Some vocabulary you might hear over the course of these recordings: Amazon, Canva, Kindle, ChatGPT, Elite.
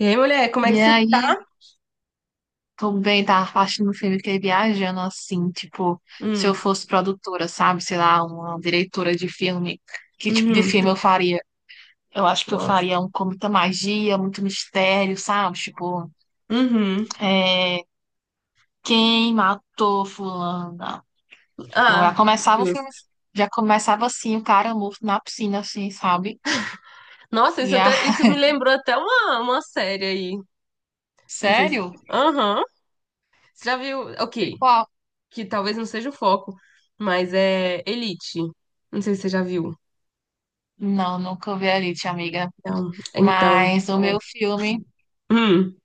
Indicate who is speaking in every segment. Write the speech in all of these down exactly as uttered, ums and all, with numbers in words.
Speaker 1: E aí, mulher, como é que
Speaker 2: E
Speaker 1: você tá?
Speaker 2: aí, tô bem, tava assistindo um filme que é viajando assim, tipo, se eu
Speaker 1: Hum,
Speaker 2: fosse produtora, sabe? Sei lá, uma diretora de filme, que tipo de filme
Speaker 1: uhum,
Speaker 2: eu faria? Eu acho que eu
Speaker 1: nossa,
Speaker 2: faria um com muita magia, muito mistério, sabe? Tipo,
Speaker 1: uhum.
Speaker 2: é, quem matou fulana? Tipo, já
Speaker 1: Ah,
Speaker 2: começava o filme,
Speaker 1: justo.
Speaker 2: já começava assim, o cara morto na piscina, assim, sabe?
Speaker 1: Nossa, isso,
Speaker 2: E a...
Speaker 1: até, isso me lembrou até uma, uma série aí. Não sei se.
Speaker 2: Sério?
Speaker 1: Aham. Você já viu?
Speaker 2: E
Speaker 1: Ok,
Speaker 2: qual?
Speaker 1: que talvez não seja o foco, mas é Elite. Não sei se você já viu.
Speaker 2: Não, nunca vi a Elite, amiga.
Speaker 1: Então, então,
Speaker 2: Mas o
Speaker 1: é.
Speaker 2: meu filme.
Speaker 1: Hum,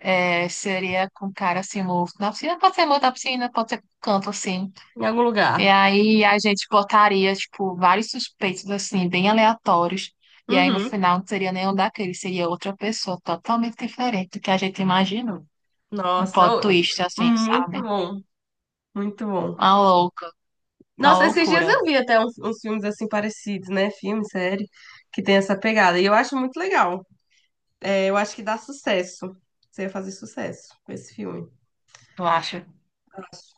Speaker 2: É, seria com um cara assim, morto na piscina, pode ser morto na piscina, pode ser com canto assim.
Speaker 1: Em algum
Speaker 2: E
Speaker 1: lugar.
Speaker 2: aí a gente botaria, tipo, vários suspeitos assim, bem aleatórios. E aí no
Speaker 1: Uhum.
Speaker 2: final não seria nenhum daqueles, seria outra pessoa totalmente diferente do que a gente imaginou. Um
Speaker 1: Nossa,
Speaker 2: plot
Speaker 1: ô,
Speaker 2: twist, assim,
Speaker 1: muito
Speaker 2: sabe?
Speaker 1: bom, muito bom.
Speaker 2: Uma louca, uma
Speaker 1: Nossa, esses dias eu
Speaker 2: loucura,
Speaker 1: vi até uns, uns filmes assim parecidos, né? Filme, série, que tem essa pegada. E eu acho muito legal. É, eu acho que dá sucesso. Você ia fazer sucesso com esse filme.
Speaker 2: eu acho.
Speaker 1: Acho.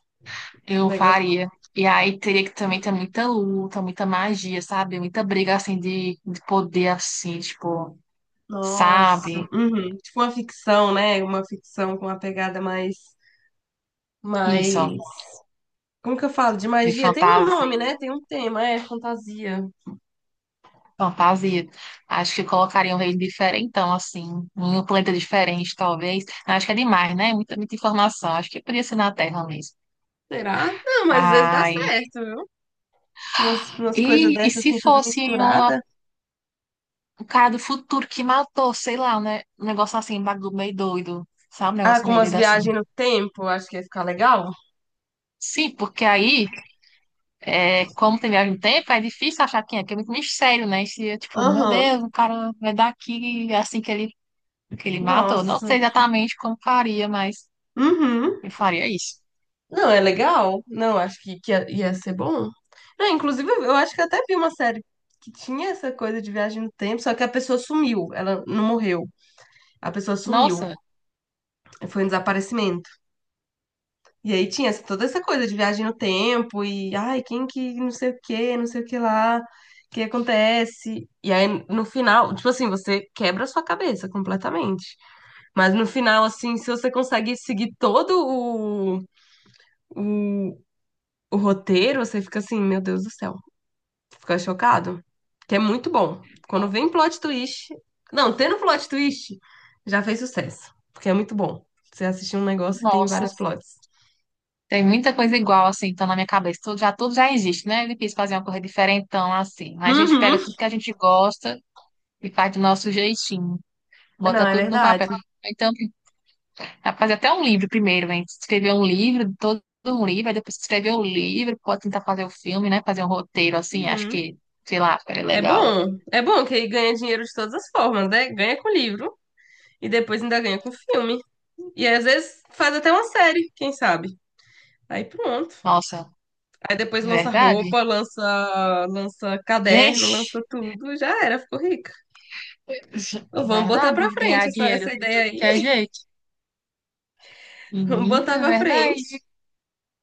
Speaker 1: Um
Speaker 2: Eu
Speaker 1: negócio.
Speaker 2: faria. E aí teria que também ter muita luta, muita magia, sabe? Muita briga assim de, de poder assim, tipo,
Speaker 1: Nossa.
Speaker 2: sabe?
Speaker 1: Uhum. Tipo uma ficção, né? Uma ficção com uma pegada mais. Mais.
Speaker 2: Isso.
Speaker 1: Como que eu falo? De
Speaker 2: De
Speaker 1: magia? Tem um nome, né?
Speaker 2: fantasia.
Speaker 1: Tem um tema, é fantasia.
Speaker 2: Fantasia. Acho que colocaria um rei diferentão, assim, em um planeta diferente, talvez. Acho que é demais, né? Muita, muita informação. Acho que podia ser na Terra mesmo.
Speaker 1: Será? Não, mas às vezes dá
Speaker 2: Ai.
Speaker 1: certo, viu? Umas, umas coisas
Speaker 2: E, e
Speaker 1: dessas
Speaker 2: se
Speaker 1: assim, tudo
Speaker 2: fosse uma-
Speaker 1: misturada.
Speaker 2: um cara do futuro que matou, sei lá, né? Um negócio assim, um bagulho meio doido. Sabe? Um
Speaker 1: Ah,
Speaker 2: negócio
Speaker 1: com
Speaker 2: meio
Speaker 1: umas
Speaker 2: doido assim.
Speaker 1: viagens no tempo, acho que ia ficar legal.
Speaker 2: Sim, porque aí. É, como tem viagem no tempo, é difícil achar quem é, porque é muito mistério, né? E se, é, tipo, meu
Speaker 1: Aham.
Speaker 2: Deus, o cara vai daqui assim que ele que ele matou. Não
Speaker 1: Nossa.
Speaker 2: sei exatamente como faria, mas
Speaker 1: Uhum.
Speaker 2: eu faria isso.
Speaker 1: Não, é legal. Não, acho que, que ia, ia ser bom. Não, inclusive, eu acho que eu até vi uma série que tinha essa coisa de viagem no tempo, só que a pessoa sumiu. Ela não morreu. A pessoa sumiu.
Speaker 2: Nossa,
Speaker 1: Foi um desaparecimento. E aí tinha essa- toda essa coisa de viagem no tempo e, ai, quem que não sei o que, não sei o que lá, o que acontece. E aí, no final, tipo assim, você quebra a sua cabeça completamente. Mas no final, assim, se você consegue seguir todo o, o, o roteiro, você fica assim, meu Deus do céu. Ficou chocado? Que é muito bom. Quando vem plot twist. Não, tendo plot twist, já fez sucesso. Porque é muito bom. Você assistir um negócio que tem
Speaker 2: nossa.
Speaker 1: vários plots.
Speaker 2: Tem muita coisa igual, assim, então na minha cabeça. Tudo já, tudo já existe, né? É difícil fazer uma coisa diferentão, assim. Mas a gente
Speaker 1: Uhum.
Speaker 2: pega tudo que a gente gosta e faz do nosso jeitinho. Bota
Speaker 1: Não, é
Speaker 2: tudo no
Speaker 1: verdade.
Speaker 2: papel. Então, dá pra fazer até um livro primeiro, hein? Escrever um livro, todo um livro, aí depois escrever o livro, pode tentar fazer o filme, né? Fazer um roteiro, assim, acho
Speaker 1: Uhum.
Speaker 2: que, sei lá, ficaria
Speaker 1: É
Speaker 2: legal.
Speaker 1: bom. É bom que aí ganha dinheiro de todas as formas, né? Ganha com livro e depois ainda ganha com filme. E às vezes faz até uma série, quem sabe? Aí pronto.
Speaker 2: Nossa,
Speaker 1: Aí depois lança
Speaker 2: verdade?
Speaker 1: roupa, lança, lança caderno, lança
Speaker 2: Gente.
Speaker 1: tudo. Já era, ficou rica. Então, vamos botar
Speaker 2: Verdade,
Speaker 1: pra frente
Speaker 2: ganhar
Speaker 1: essa,
Speaker 2: dinheiro
Speaker 1: essa
Speaker 2: de
Speaker 1: ideia
Speaker 2: tudo
Speaker 1: aí.
Speaker 2: que é jeito.
Speaker 1: Vamos botar
Speaker 2: Menina, é
Speaker 1: pra frente.
Speaker 2: verdade.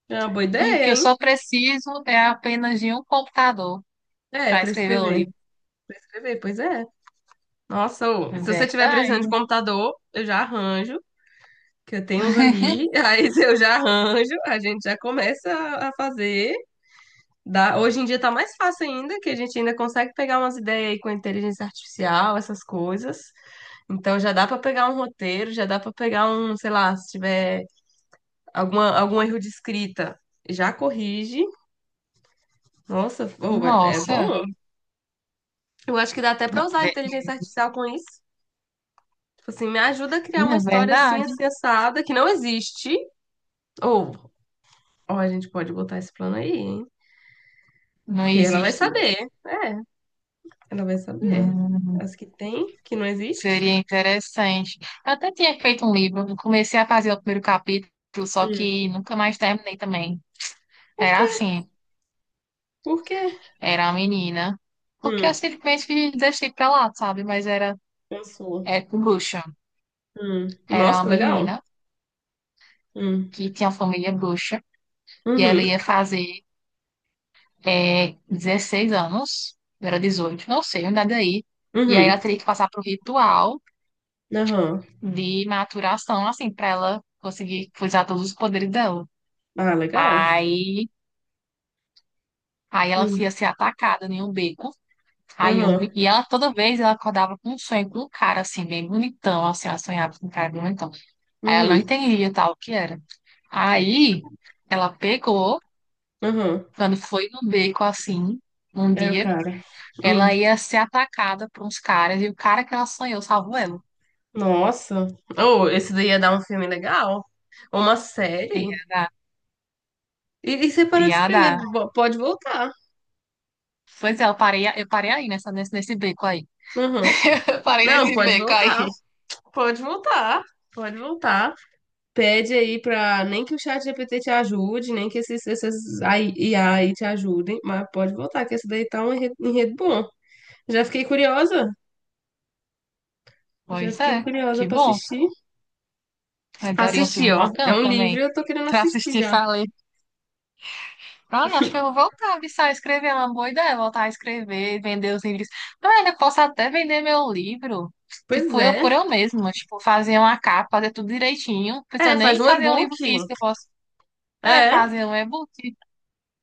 Speaker 1: É uma boa
Speaker 2: E o que
Speaker 1: ideia,
Speaker 2: eu
Speaker 1: hein?
Speaker 2: só preciso é apenas de um computador
Speaker 1: É,
Speaker 2: para
Speaker 1: pra
Speaker 2: escrever o
Speaker 1: escrever.
Speaker 2: livro.
Speaker 1: Pra escrever, pois é. Nossa, ô,
Speaker 2: É
Speaker 1: se você tiver precisando de
Speaker 2: verdade.
Speaker 1: computador, eu já arranjo, que eu tenho uns ali. Aí eu já arranjo, a gente já começa a a fazer. Dá. Hoje em dia tá mais fácil ainda, que a gente ainda consegue pegar umas ideias aí com inteligência artificial, essas coisas. Então já dá pra pegar um roteiro, já dá pra pegar um, sei lá, se tiver alguma, algum erro de escrita, já corrige. Nossa, ô, é
Speaker 2: Nossa,
Speaker 1: bom. Eu acho que dá até pra
Speaker 2: não,
Speaker 1: usar a
Speaker 2: ve-
Speaker 1: inteligência artificial com isso. Tipo assim, me ajuda a criar
Speaker 2: menina,
Speaker 1: uma
Speaker 2: é
Speaker 1: história assim,
Speaker 2: verdade.
Speaker 1: assim, assada, que não existe. Ou, ó, a gente pode botar esse plano aí, hein?
Speaker 2: Não
Speaker 1: Porque ela vai
Speaker 2: existe.
Speaker 1: saber. É, ela vai saber.
Speaker 2: Hum,
Speaker 1: As que tem, que não existe.
Speaker 2: seria interessante. Eu até tinha feito um livro, eu comecei a fazer o primeiro capítulo, só
Speaker 1: Hum.
Speaker 2: que nunca mais terminei também.
Speaker 1: Por quê?
Speaker 2: Era assim,
Speaker 1: Por quê?
Speaker 2: era a menina. Porque eu
Speaker 1: Hum,
Speaker 2: simplesmente deixei pra lá, sabe? Mas era,
Speaker 1: Pensou.
Speaker 2: era com bruxa.
Speaker 1: Hum.
Speaker 2: Era uma
Speaker 1: Nossa, legal.
Speaker 2: menina
Speaker 1: Hum.
Speaker 2: que tinha família bruxa e ela
Speaker 1: Uhum.
Speaker 2: ia fazer é, dezesseis anos, eu era dezoito, não sei, nada aí. E aí
Speaker 1: Uhum.
Speaker 2: ela teria que passar por ritual
Speaker 1: Aham.
Speaker 2: de maturação, assim, para ela conseguir usar todos os poderes dela.
Speaker 1: Ah, legal.
Speaker 2: Aí, aí ela
Speaker 1: Hum.
Speaker 2: ia ser atacada em um beco. Aí eu,
Speaker 1: Aham.
Speaker 2: e ela toda vez ela acordava com um sonho com um cara assim, bem bonitão, assim, ela sonhava com um cara bem bonitão. Aí ela não
Speaker 1: Uhum.
Speaker 2: entendia tal o que era. Aí ela pegou.
Speaker 1: Aham.
Speaker 2: Quando foi no beco assim, um
Speaker 1: É o
Speaker 2: dia,
Speaker 1: cara. Hum.
Speaker 2: ela ia ser atacada por uns caras e o cara que ela sonhou salvou ela.
Speaker 1: Nossa. Oh, esse daí ia dar um filme legal. Uma série.
Speaker 2: Ia dar,
Speaker 1: E, e você parou de
Speaker 2: ia dar.
Speaker 1: escrever. Vo- Pode voltar.
Speaker 2: Pois é, eu parei, eu parei aí nessa, nesse, nesse beco aí.
Speaker 1: Uhum.
Speaker 2: Eu parei
Speaker 1: Não,
Speaker 2: nesse
Speaker 1: pode
Speaker 2: beco
Speaker 1: voltar.
Speaker 2: aí.
Speaker 1: Pode voltar. Pode voltar. Pede aí pra. Nem que o chat G P T te ajude, nem que esses, esses A I I A aí te ajudem, mas pode voltar, que esse daí tá um enredo, enredo bom. Já fiquei curiosa. Já
Speaker 2: Pois é,
Speaker 1: fiquei curiosa
Speaker 2: que
Speaker 1: pra
Speaker 2: bom.
Speaker 1: assistir.
Speaker 2: Mas daria um
Speaker 1: Assistir,
Speaker 2: filme
Speaker 1: ó. É
Speaker 2: bacana
Speaker 1: um livro e
Speaker 2: também.
Speaker 1: eu tô querendo
Speaker 2: Pra
Speaker 1: assistir
Speaker 2: assistir,
Speaker 1: já.
Speaker 2: falei. Olha, acho que eu vou voltar viu, a escrever, é uma boa ideia, voltar a escrever, vender os livros. Olha, eu posso até vender meu livro,
Speaker 1: Pois
Speaker 2: tipo, eu
Speaker 1: é.
Speaker 2: por eu mesma, tipo, fazer uma capa, fazer tudo direitinho, não precisa
Speaker 1: É, faz
Speaker 2: nem
Speaker 1: um
Speaker 2: fazer um
Speaker 1: e-book.
Speaker 2: livro físico, eu posso, é,
Speaker 1: É,
Speaker 2: fazer um e-book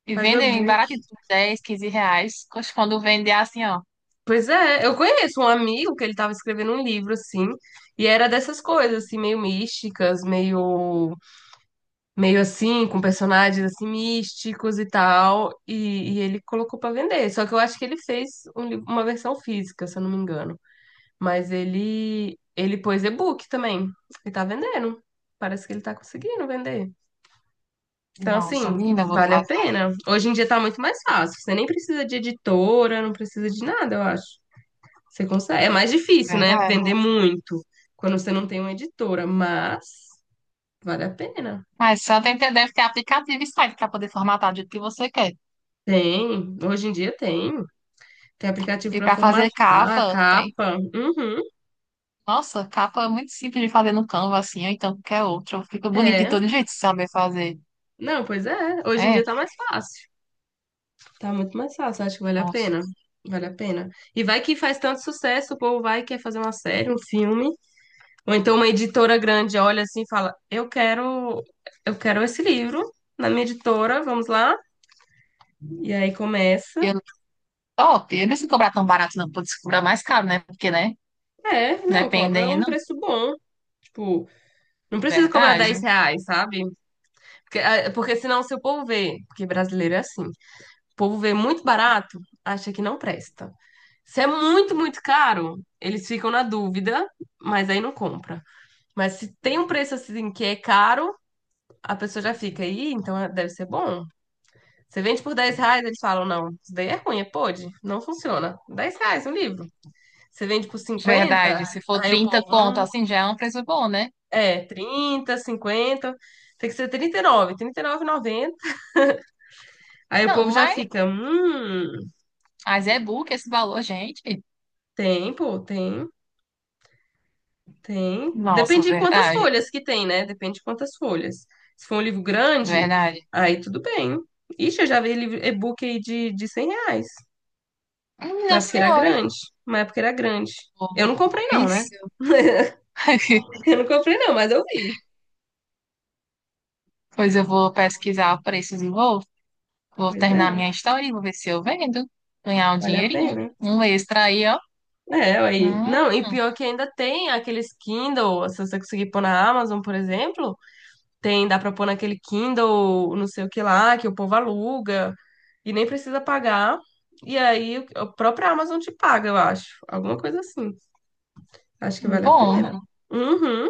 Speaker 2: e
Speaker 1: faz um
Speaker 2: vender baratinho,
Speaker 1: e-book.
Speaker 2: por dez, quinze reais. Poxa, quando vender assim, ó,
Speaker 1: Pois é, eu conheço um amigo que ele tava escrevendo um livro assim, e era dessas coisas assim meio místicas, meio meio assim, com personagens assim místicos e tal, e, e ele colocou pra vender. Só que eu acho que ele fez um li- uma versão física, se eu não me engano, mas ele ele pôs e-book também e tá vendendo. Parece que ele tá conseguindo vender. Então,
Speaker 2: nossa,
Speaker 1: assim,
Speaker 2: menina, eu vou
Speaker 1: vale a
Speaker 2: fazer,
Speaker 1: pena. Hoje em dia tá muito mais fácil. Você nem precisa de editora, não precisa de nada, eu acho. Você consegue. É mais difícil, né?
Speaker 2: verdade.
Speaker 1: Vender muito quando você não tem uma editora, mas vale a pena.
Speaker 2: Mas só tem que, ter, deve ter aplicativo e site para poder formatar do jeito que você quer.
Speaker 1: Tem, hoje em dia tem. Tem aplicativo
Speaker 2: E
Speaker 1: para
Speaker 2: para fazer
Speaker 1: formatar,
Speaker 2: capa, tem-
Speaker 1: capa. Uhum,
Speaker 2: nossa, capa é muito simples de fazer no Canva, assim, ou então qualquer outro. Fica bonito de
Speaker 1: é.
Speaker 2: todo jeito se saber fazer.
Speaker 1: Não, pois é. Hoje em
Speaker 2: É,
Speaker 1: dia tá mais fácil. Tá muito mais fácil, acho que vale a
Speaker 2: nossa.
Speaker 1: pena. Vale a pena. E vai que faz tanto sucesso, o povo vai e quer fazer uma série, um filme. Ou então uma editora grande olha assim e fala: eu quero, eu quero esse livro na minha editora, vamos lá. E aí começa.
Speaker 2: Eu, top. Eu não se cobrar tão barato, não. Pode se cobrar mais caro, né? Porque, né?
Speaker 1: É, não, cobra é um
Speaker 2: Dependendo.
Speaker 1: preço bom. Tipo, não precisa cobrar dez
Speaker 2: Verdade.
Speaker 1: reais, sabe? Porque, ah, porque senão se o povo vê, porque brasileiro é assim, o povo vê muito barato, acha que não presta. Se é muito, muito caro, eles ficam na dúvida, mas aí não compra. Mas se tem um preço assim que é caro, a pessoa já fica aí, então é- deve ser bom. Você vende por dez reais, eles falam, não, isso daí é ruim, é pode, não funciona. Dez reais um livro. Você vende por cinquenta,
Speaker 2: Verdade. Se for
Speaker 1: aí o
Speaker 2: trinta
Speaker 1: povo,
Speaker 2: conto,
Speaker 1: "Hum."
Speaker 2: assim, já é um preço bom, né?
Speaker 1: É, trinta cinquenta, tem que ser trinta e nove, noventa. Aí o
Speaker 2: Não,
Speaker 1: povo já
Speaker 2: mas,
Speaker 1: fica, hum.
Speaker 2: mas é book esse valor, gente.
Speaker 1: Tem, pô, tem, tem.
Speaker 2: Nossa,
Speaker 1: Depende de quantas
Speaker 2: verdade.
Speaker 1: folhas que tem, né? Depende de quantas folhas. Se for um livro grande,
Speaker 2: Verdade.
Speaker 1: aí tudo bem. Ixi, eu já vi livro e-book aí de, de cem reais. Mas
Speaker 2: Minha
Speaker 1: é porque era
Speaker 2: senhora.
Speaker 1: grande, mas é porque era grande. Eu não comprei não, né?
Speaker 2: Pois,
Speaker 1: Eu não comprei não, mas eu vi.
Speaker 2: pois eu vou pesquisar preços e vou. Vou
Speaker 1: Pois
Speaker 2: terminar
Speaker 1: é,
Speaker 2: minha história e vou ver se eu vendo. Ganhar um
Speaker 1: vale a
Speaker 2: dinheirinho.
Speaker 1: pena.
Speaker 2: Um extra aí, ó.
Speaker 1: É, aí.
Speaker 2: Hum,
Speaker 1: Não, e pior que ainda tem aqueles Kindle, se você conseguir pôr na Amazon, por exemplo. Tem, dá pra pôr naquele Kindle, não sei o que lá, que o povo aluga e nem precisa pagar. E aí o- a própria Amazon te paga, eu acho. Alguma coisa assim. Acho que vale a
Speaker 2: bom.
Speaker 1: pena. É. Uhum,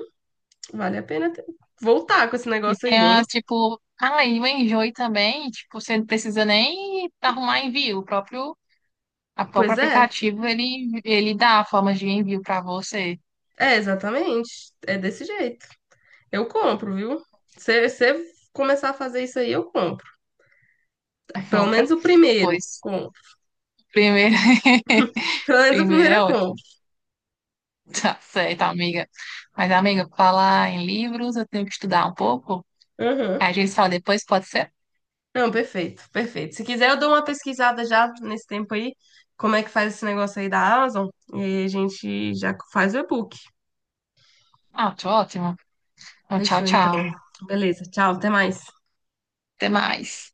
Speaker 1: vale a pena ter- voltar com esse
Speaker 2: E
Speaker 1: negócio
Speaker 2: tem
Speaker 1: aí, hein?
Speaker 2: umas, tipo... Ah, e o enjoy também. Tipo, você não precisa nem arrumar envio. O próprio, a, o próprio
Speaker 1: Pois é,
Speaker 2: aplicativo, ele, ele dá formas de envio pra você.
Speaker 1: é exatamente. É desse jeito. Eu compro, viu? Se você começar a fazer isso aí, eu compro.
Speaker 2: Aí,
Speaker 1: Pelo menos
Speaker 2: compra.
Speaker 1: o primeiro.
Speaker 2: Pois,
Speaker 1: Compro.
Speaker 2: primeiro...
Speaker 1: Pelo menos o
Speaker 2: primeiro
Speaker 1: primeiro
Speaker 2: é
Speaker 1: eu
Speaker 2: ótimo.
Speaker 1: compro.
Speaker 2: Tá certo, amiga. Mas, amiga, falar em livros, eu tenho que estudar um pouco.
Speaker 1: Uhum.
Speaker 2: Aí a gente fala depois, pode ser?
Speaker 1: Não, perfeito, perfeito. Se quiser, eu dou uma pesquisada já nesse tempo aí, como é que faz esse negócio aí da Amazon, e aí a gente já faz o e-book.
Speaker 2: Ah, tá ótimo. Então, tchau,
Speaker 1: Fechou,
Speaker 2: tchau.
Speaker 1: então. Beleza, tchau, até mais.
Speaker 2: Até mais.